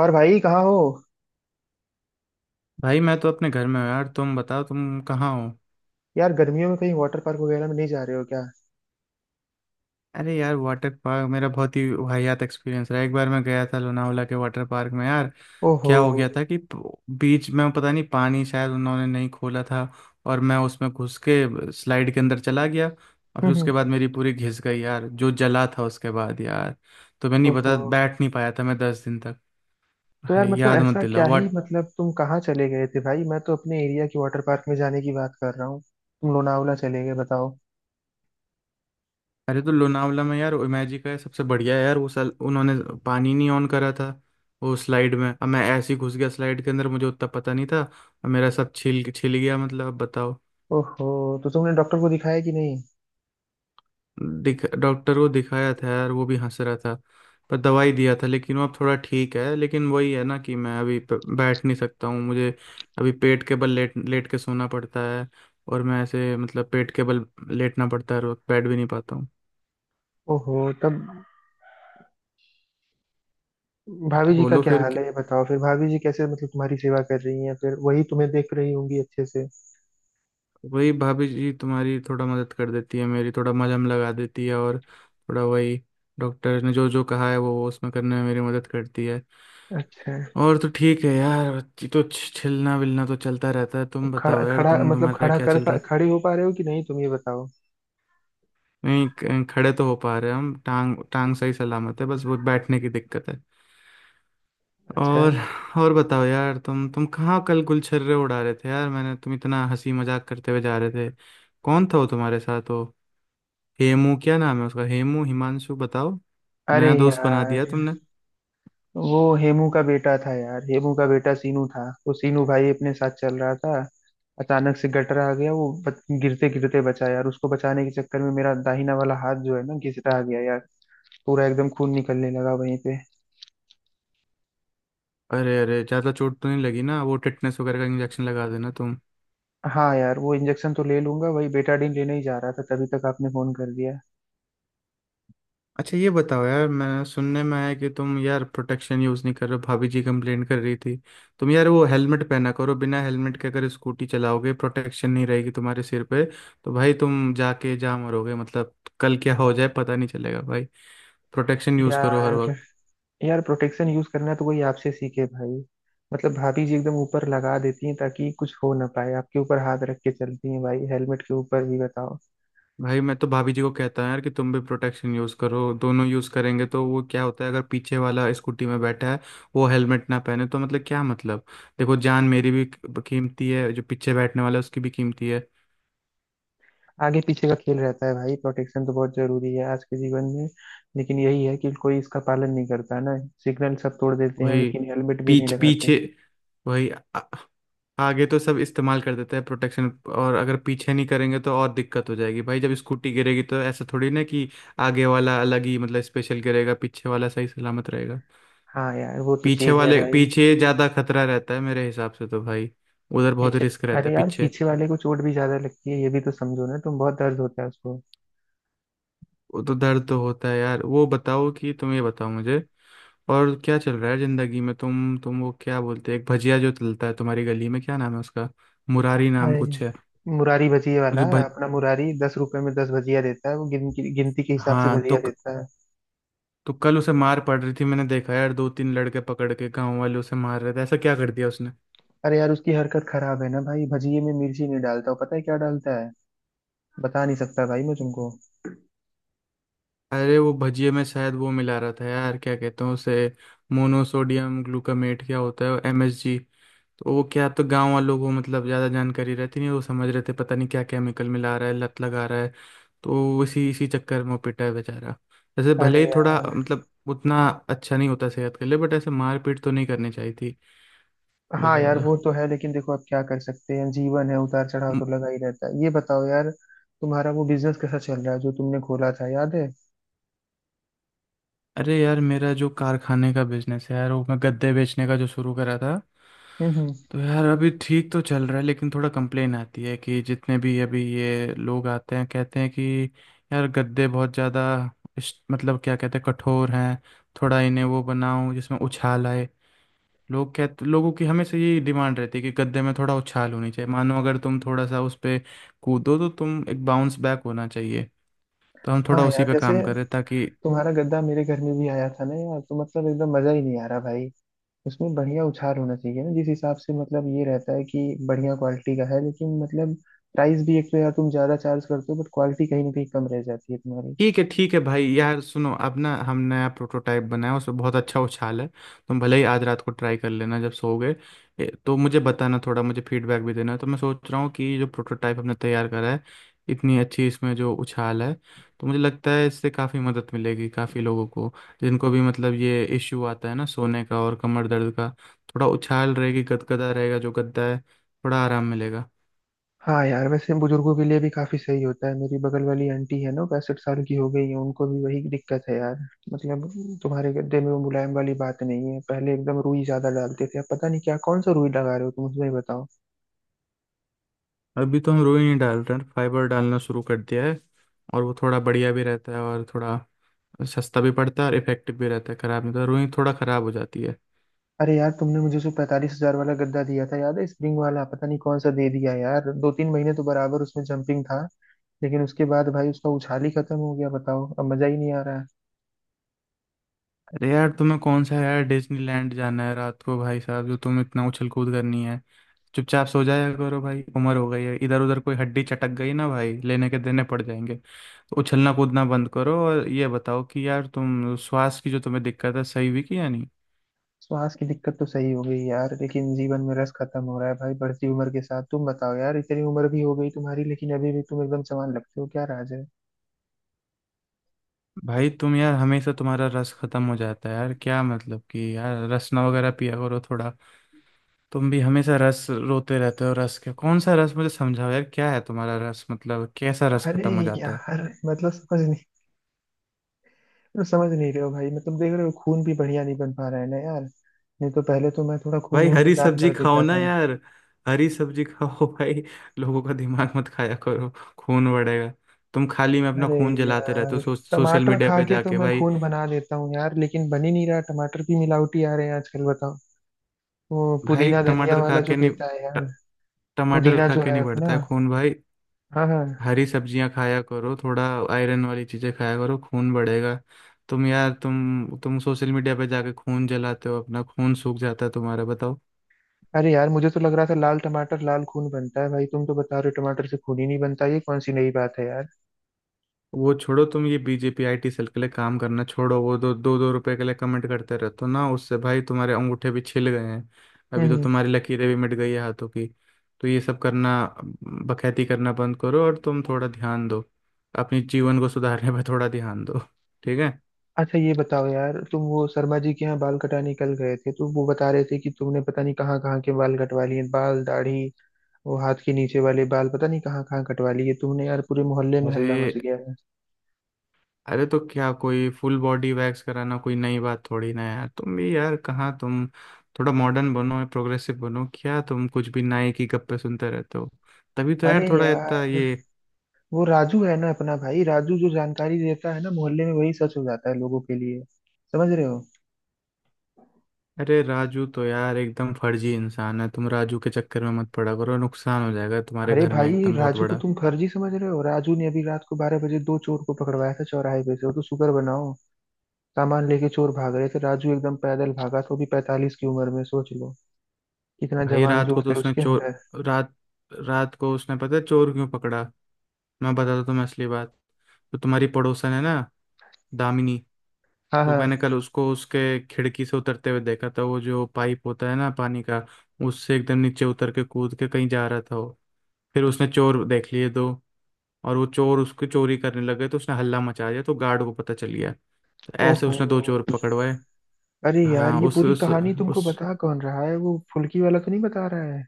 और भाई कहाँ हो? भाई, मैं तो अपने घर में हूँ यार। तुम बताओ तुम कहाँ हो? यार, गर्मियों में कहीं वाटर पार्क वगैरह में नहीं जा रहे हो क्या? अरे यार, वाटर पार्क मेरा बहुत ही वाहियात एक्सपीरियंस रहा। एक बार मैं गया था लोनावला के वाटर पार्क में यार। ओहो। क्या हो गया था कि बीच में पता नहीं पानी शायद उन्होंने नहीं खोला था। और मैं उसमें घुस के स्लाइड के अंदर चला गया और हम्म फिर हम्म, उसके बाद मेरी पूरी घिस गई यार, जो जला था उसके बाद यार। तो मैं नहीं ओहो। बता बैठ नहीं पाया था, मैं 10 दिन तक। तो यार भाई, मतलब याद मत ऐसा क्या दिलाओ। ही, मतलब तुम कहाँ चले गए थे भाई? मैं तो अपने एरिया के वाटर पार्क में जाने की बात कर रहा हूँ, तुम लोनावला चले गए बताओ। अरे, तो लोनावला में यार इमेजिका है, सबसे बढ़िया है यार। वो सल उन्होंने पानी नहीं ऑन करा था। वो स्लाइड में अब मैं ऐसे ही घुस गया स्लाइड के अंदर, मुझे उतना पता नहीं था और मेरा सब छिल छिल गया, मतलब अब बताओ। ओहो। तो तुमने डॉक्टर को दिखाया कि नहीं? दिख डॉक्टर को दिखाया था यार, वो भी हंस रहा था। पर दवाई दिया था लेकिन वो अब थोड़ा ठीक है, लेकिन वही है ना कि मैं अभी बैठ नहीं सकता हूँ, मुझे अभी पेट के बल लेट लेट के सोना पड़ता है। और मैं ऐसे मतलब पेट के बल लेटना पड़ता है और बैठ भी नहीं पाता हूँ। ओहो। तब भाभी जी का बोलो क्या फिर। हाल है ये बताओ। फिर भाभी जी कैसे मतलब तुम्हारी सेवा कर रही हैं? फिर वही तुम्हें देख रही होंगी अच्छे से। वही भाभी जी तुम्हारी थोड़ा मदद कर देती है, मेरी थोड़ा मलहम लगा देती है और थोड़ा वही डॉक्टर ने जो जो कहा है वो उसमें करने में मेरी मदद करती है। अच्छा। और तो ठीक है यार। ये तो छिलना विलना तो चलता रहता है। तो तुम खड़ा बताओ यार, खड़ा तुम मतलब तुम्हारा खड़ा क्या कर चल पा रहा है? खड़े हो पा रहे हो कि नहीं तुम, ये बताओ। नहीं, खड़े तो हो पा रहे हैं हम, टांग टांग सही सलामत है, बस वो बैठने की दिक्कत है। अच्छा। और और बताओ यार, तुम कहाँ कल गुलछर्रे उड़ा रहे थे यार? मैंने तुम इतना हंसी मजाक करते हुए जा रहे थे। कौन था वो तुम्हारे साथ हो? हेमू, क्या नाम है उसका? हेमू, हिमांशु, बताओ। अरे नया दोस्त बना यार दिया तुमने। वो हेमू का बेटा था यार, हेमू का बेटा सीनू था। वो सीनू भाई अपने साथ चल रहा था। अचानक से गटर आ गया, वो गिरते गिरते बचा यार। उसको बचाने के चक्कर में मेरा दाहिना वाला हाथ जो है ना, घिसटा गया यार। पूरा एकदम खून निकलने लगा वहीं पे। अरे अरे, ज़्यादा चोट तो नहीं लगी ना? वो टिटनेस वगैरह का इंजेक्शन लगा देना तुम। हाँ यार, वो इंजेक्शन तो ले लूंगा। वही बेटाडीन लेने ही जा रहा था तभी तक आपने फोन कर दिया। अच्छा ये बताओ यार, मैं सुनने में आया कि तुम यार प्रोटेक्शन यूज़ नहीं कर रहे हो, भाभी जी कंप्लेन कर रही थी। तुम यार वो हेलमेट पहना करो। बिना हेलमेट के अगर स्कूटी चलाओगे प्रोटेक्शन नहीं रहेगी तुम्हारे सिर पे। तो भाई तुम जाके जा मरोगे मतलब। कल क्या हो जाए पता नहीं चलेगा भाई। प्रोटेक्शन यूज़ करो हर यार, वक्त। यार प्रोटेक्शन यूज करना तो कोई आपसे सीखे भाई। मतलब भाभी जी एकदम ऊपर लगा देती हैं ताकि कुछ हो ना पाए। आपके ऊपर हाथ रख के चलती हैं भाई, हेलमेट के ऊपर भी, बताओ। भाई, मैं तो भाभी जी को कहता हूँ यार कि तुम भी प्रोटेक्शन यूज़ करो। दोनों यूज़ करेंगे तो वो क्या होता है, अगर पीछे वाला स्कूटी में बैठा है वो हेलमेट ना पहने तो मतलब क्या मतलब। देखो, जान मेरी भी कीमती है, जो पीछे बैठने वाला है उसकी भी कीमती है। आगे पीछे का खेल रहता है भाई, प्रोटेक्शन तो बहुत जरूरी है आज के जीवन में। लेकिन यही है कि कोई इसका पालन नहीं करता ना। सिग्नल सब तोड़ देते हैं वही, लेकिन हेलमेट भी नहीं लगाते। पीछे वही आगे तो सब इस्तेमाल कर देते हैं प्रोटेक्शन। और अगर पीछे नहीं करेंगे तो और दिक्कत हो जाएगी भाई। जब स्कूटी गिरेगी तो ऐसा थोड़ी ना कि आगे वाला अलग ही मतलब स्पेशल गिरेगा, पीछे वाला सही सलामत रहेगा। हाँ यार, वो तो पीछे चीज है वाले, भाई। पीछे ज्यादा खतरा रहता है मेरे हिसाब से तो भाई। उधर बहुत पीछे। रिस्क रहता अरे है यार पीछे। पीछे वाले को चोट भी ज्यादा लगती है, ये भी तो समझो ना तुम। बहुत दर्द होता है उसको। वो तो दर्द तो होता है यार। वो बताओ कि तुम, ये बताओ मुझे, और क्या चल रहा है जिंदगी में? तुम वो क्या बोलते हैं, एक भजिया जो चलता है तुम्हारी गली में, क्या नाम है उसका? मुरारी नाम अरे, कुछ है। मुरारी भजिए वाला जो भज अपना मुरारी 10 रुपए में 10 भजिया देता है, वो गिनती के हिसाब से हाँ, तो भजिया देता है। तो कल उसे मार पड़ रही थी, मैंने देखा यार दो तीन लड़के पकड़ के गांव वाले उसे मार रहे थे। ऐसा क्या कर दिया उसने? अरे यार, उसकी हरकत खराब है ना भाई। भजिए में मिर्ची नहीं डालता, वो पता है क्या डालता है? बता नहीं सकता भाई मैं तुमको। अरे, वो भजिए में शायद वो मिला रहा था यार, क्या कहते हैं उसे, मोनोसोडियम ग्लूकामेट क्या होता है, एमएसजी। तो वो क्या, तो गांव वालों को मतलब ज़्यादा जानकारी रहती नहीं, वो समझ रहे थे पता नहीं क्या केमिकल मिला रहा है, लत लगा रहा है। तो इसी इसी चक्कर में वो पिटा है बेचारा। जैसे भले अरे ही थोड़ा यार। मतलब उतना अच्छा नहीं होता सेहत के लिए, बट ऐसे मारपीट तो नहीं करनी चाहिए थी। हाँ यार बेचारा। वो तो है, लेकिन देखो अब क्या कर सकते हैं, जीवन है, उतार चढ़ाव तो लगा ही रहता है। ये बताओ यार, तुम्हारा वो बिजनेस कैसा चल रहा है जो तुमने खोला था, याद है? अरे यार, मेरा जो कारखाने का बिजनेस है यार, वो मैं गद्दे बेचने का जो शुरू करा था, हम्म हम्म। तो यार अभी ठीक तो चल रहा है लेकिन थोड़ा कंप्लेन आती है कि जितने भी अभी ये लोग आते हैं कहते हैं कि यार गद्दे बहुत ज़्यादा मतलब क्या कहते हैं, कठोर हैं। थोड़ा इन्हें वो बनाऊं जिसमें उछाल आए। लोग कहते, लोगों की हमेशा यही डिमांड रहती है कि गद्दे में थोड़ा उछाल होनी चाहिए, मानो अगर तुम थोड़ा सा उस पे कूदो तो तुम एक बाउंस बैक होना चाहिए। तो हम हाँ थोड़ा उसी यार, पे जैसे काम करें ताकि तुम्हारा गद्दा मेरे घर में भी आया था ना यार, तो मतलब एकदम मजा ही नहीं आ रहा भाई। उसमें बढ़िया उछाल होना चाहिए ना, जिस हिसाब से मतलब ये रहता है कि बढ़िया क्वालिटी का है, लेकिन मतलब प्राइस भी, एक तो यार तुम ज्यादा चार्ज करते हो बट क्वालिटी कहीं ना कहीं कम रह जाती है तुम्हारी। ठीक है, ठीक है भाई यार। सुनो, अब ना हम नया प्रोटोटाइप बनाया, उसमें बहुत अच्छा उछाल है। तुम भले ही आज रात को ट्राई कर लेना जब सोओगे। ए, तो मुझे बताना थोड़ा, मुझे फीडबैक भी देना। तो मैं सोच रहा हूँ कि जो प्रोटोटाइप हमने तैयार करा है, इतनी अच्छी इसमें जो उछाल है, तो मुझे लगता है इससे काफ़ी मदद मिलेगी काफ़ी लोगों को। जिनको भी मतलब ये इश्यू आता है ना, सोने का और कमर दर्द का, थोड़ा उछाल रहेगी, गदगदा रहेगा जो गद्दा है, थोड़ा आराम मिलेगा। हाँ यार, वैसे बुजुर्गों के लिए भी काफी सही होता है। मेरी बगल वाली आंटी है ना, 65 साल की हो गई है, उनको भी वही दिक्कत है यार। मतलब तुम्हारे गद्दे में वो मुलायम वाली बात नहीं है। पहले एकदम रुई ज्यादा डालते थे, अब पता नहीं क्या कौन सा रुई लगा रहे हो तुम, मुझे ही बताओ। अभी तो हम रुई नहीं डाल रहे हैं, फाइबर डालना शुरू कर दिया है। और वो थोड़ा बढ़िया भी रहता है और थोड़ा सस्ता भी पड़ता है और इफेक्टिव भी रहता है, खराब नहीं, तो रुई थोड़ा खराब हो जाती है। अरे यार, तुमने मुझे जो 45,000 वाला गद्दा दिया था याद है, स्प्रिंग वाला, पता नहीं कौन सा दे दिया यार। दो तीन महीने तो बराबर उसमें जंपिंग था, लेकिन उसके बाद भाई उसका उछाल ही खत्म हो गया। बताओ, अब मजा ही नहीं आ रहा है। अरे यार, तुम्हें कौन सा यार डिज्नीलैंड जाना है रात को भाई साहब, जो तुम इतना उछल कूद करनी है? चुपचाप सो जाया करो भाई, उम्र हो गई है। इधर उधर कोई हड्डी चटक गई ना भाई, लेने के देने पड़ जाएंगे। तो उछलना कूदना बंद करो। और ये बताओ कि यार तुम श्वास की जो तुम्हें दिक्कत है सही हुई कि या नहीं? श्वास की दिक्कत तो सही हो गई यार, लेकिन जीवन में रस खत्म हो रहा है भाई बढ़ती उम्र के साथ। तुम बताओ यार, इतनी उम्र भी हो गई तुम्हारी लेकिन अभी भी तुम एकदम जवान लगते हो, क्या राज है? भाई तुम यार हमेशा तुम्हारा रस खत्म हो जाता है यार, क्या मतलब कि यार रसना वगैरह पिया करो थोड़ा। तुम भी हमेशा रस रोते रहते हो। रस क्या, कौन सा रस मुझे समझाओ यार, क्या है तुम्हारा रस मतलब कैसा रस अरे खत्म हो जाता है? यार, मतलब समझ नहीं रहे हो भाई? मतलब देख रहे हो, खून भी बढ़िया नहीं बन पा रहा है ना यार। नहीं तो पहले तो मैं थोड़ा खून भाई वून भी हरी दान सब्जी कर खाओ देता ना था। यार। हरी सब्जी खाओ भाई। लोगों का दिमाग मत खाया करो। खून बढ़ेगा। तुम खाली में अपना अरे खून जलाते रहते यार, हो सोशल टमाटर मीडिया खा पे के तो जाके मैं भाई। खून बना देता हूँ यार, लेकिन बन ही नहीं रहा। टमाटर भी मिलावटी आ रहे हैं आजकल, बताओ। वो भाई पुदीना धनिया टमाटर खा वाला जो के नहीं, देता है यार, ट- टमाटर पुदीना खा जो के है नहीं बढ़ता अपना। है खून भाई। हाँ हाँ। हरी सब्जियां खाया करो थोड़ा। आयरन वाली चीजें खाया करो, खून बढ़ेगा। तुम यार तुम सोशल मीडिया पे जाके खून जलाते हो, अपना खून सूख जाता है तुम्हारा बताओ। अरे यार, मुझे तो लग रहा था लाल टमाटर लाल खून बनता है भाई। तुम तो बता रहे हो टमाटर से खून ही नहीं बनता, ये कौन सी नई बात है यार? वो छोड़ो तुम, ये बीजेपी आईटी सेल के लिए काम करना छोड़ो। वो दो दो दो रुपए के लिए कमेंट करते रहते हो ना उससे भाई तुम्हारे अंगूठे भी छिल गए हैं। अभी तो हम्म। तुम्हारी लकीरें भी मिट गई है हाथों की। तो ये सब करना, बखैती करना बंद करो और तुम थोड़ा ध्यान दो। अपने जीवन को सुधारने पर थोड़ा ध्यान दो, ठीक है? अच्छा, ये बताओ यार, तुम वो शर्मा जी के यहाँ बाल कटाने कल गए थे तो वो बता रहे थे कि तुमने पता नहीं कहाँ कहाँ के बाल कटवा लिए, बाल दाढ़ी। वो हाथ के नीचे वाले बाल, पता नहीं कहाँ कहाँ कटवा लिए तुमने यार। पूरे मोहल्ले में हल्ला मच अरे, गया है। अरे तो क्या, कोई फुल बॉडी वैक्स कराना कोई नई बात थोड़ी ना है यार। तुम भी यार, कहाँ तुम। थोड़ा मॉडर्न बनो, प्रोग्रेसिव बनो। क्या तुम कुछ भी नाई की गप्पे सुनते रहते हो? तभी तो यार अरे थोड़ा इतना यार, ये। वो राजू है ना अपना भाई, राजू जो जानकारी देता है ना मोहल्ले में, वही सच हो जाता है लोगों के लिए, समझ रहे हो? अरे राजू तो यार एकदम फर्जी इंसान है, तुम राजू के चक्कर में मत पड़ा करो, नुकसान हो जाएगा तुम्हारे अरे घर में भाई, एकदम बहुत राजू को बड़ा। तुम फर्जी समझ रहे हो? राजू ने अभी रात को 12 बजे दो चोर को पकड़वाया था चौराहे पे से, वो तो शुक्र बनाओ। सामान लेके चोर भाग रहे थे, राजू एकदम पैदल भागा, तो भी 45 की उम्र में सोच लो, कितना भाई, जवान रात को जोश तो है उसने उसके चोर, अंदर। रात रात को उसने, पता है चोर क्यों पकड़ा? मैं बताता तुम्हें असली बात। तो तुम्हारी पड़ोसन है ना, दामिनी। हाँ तो हाँ। मैंने कल उसको उसके खिड़की से उतरते हुए देखा था, वो जो पाइप होता है ना पानी का, उससे एकदम नीचे उतर के कूद के कहीं जा रहा था वो। फिर उसने चोर देख लिए दो, और वो चोर उसकी चोरी करने लगे तो उसने हल्ला मचा दिया, तो गार्ड को पता चल गया, तो ऐसे ओहो। उसने दो चोर पकड़वाए। अरे यार, हाँ, ये उस पूरी उस कहानी तुमको उस बता कौन रहा है? वो फुल्की वाला तो नहीं बता रहा है?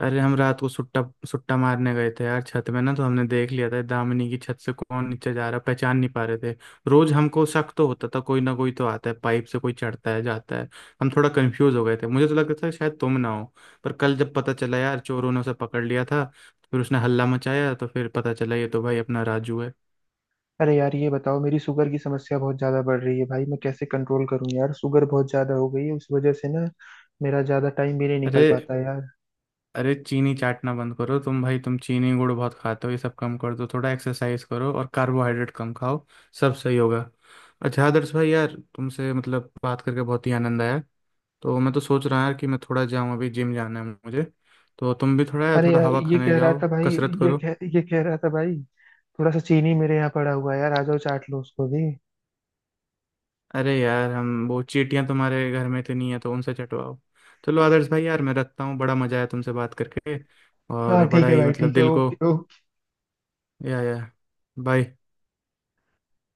अरे, हम रात को सुट्टा सुट्टा मारने गए थे यार छत में ना, तो हमने देख लिया था दामिनी की छत से कौन नीचे जा रहा, पहचान नहीं पा रहे थे। रोज हमको शक तो होता था, कोई ना कोई तो आता है पाइप से, कोई चढ़ता है जाता है। हम थोड़ा कंफ्यूज हो गए थे, मुझे तो लगता था शायद तुम ना हो। पर कल जब पता चला यार चोरों ने उसे पकड़ लिया था, फिर उसने हल्ला मचाया तो फिर पता चला ये तो भाई अपना राजू है। अरे यार, ये बताओ, मेरी शुगर की समस्या बहुत ज्यादा बढ़ रही है भाई, मैं कैसे कंट्रोल करूं यार? शुगर बहुत ज्यादा हो गई है, उस वजह से ना मेरा ज्यादा टाइम भी नहीं निकल अरे, पाता यार। अरे चीनी चाटना बंद करो तुम भाई। तुम चीनी गुड़ बहुत खाते हो, ये सब कम कर दो। थोड़ा एक्सरसाइज करो और कार्बोहाइड्रेट कम खाओ। सब सही होगा। अच्छा आदर्श भाई, यार तुमसे मतलब बात करके बहुत ही आनंद आया। तो मैं तो सोच रहा यार कि मैं थोड़ा जाऊँ, अभी जिम जाना है मुझे। तो तुम भी थोड़ा यार, अरे थोड़ा यार हवा ये खाने कह रहा जाओ, था भाई, कसरत ये करो। कह ये कह रहा था भाई, थोड़ा सा चीनी मेरे यहाँ पड़ा हुआ है यार, आ जाओ चाट लो उसको भी। अरे यार, हम वो चींटियां तुम्हारे घर में इतनी है तो उनसे चटवाओ। चलो आदर्श भाई, यार मैं रखता हूँ। बड़ा मजा आया तुमसे बात करके, हाँ और ठीक बड़ा है ही भाई, मतलब ठीक है, दिल को। ओके। या, या। बाय।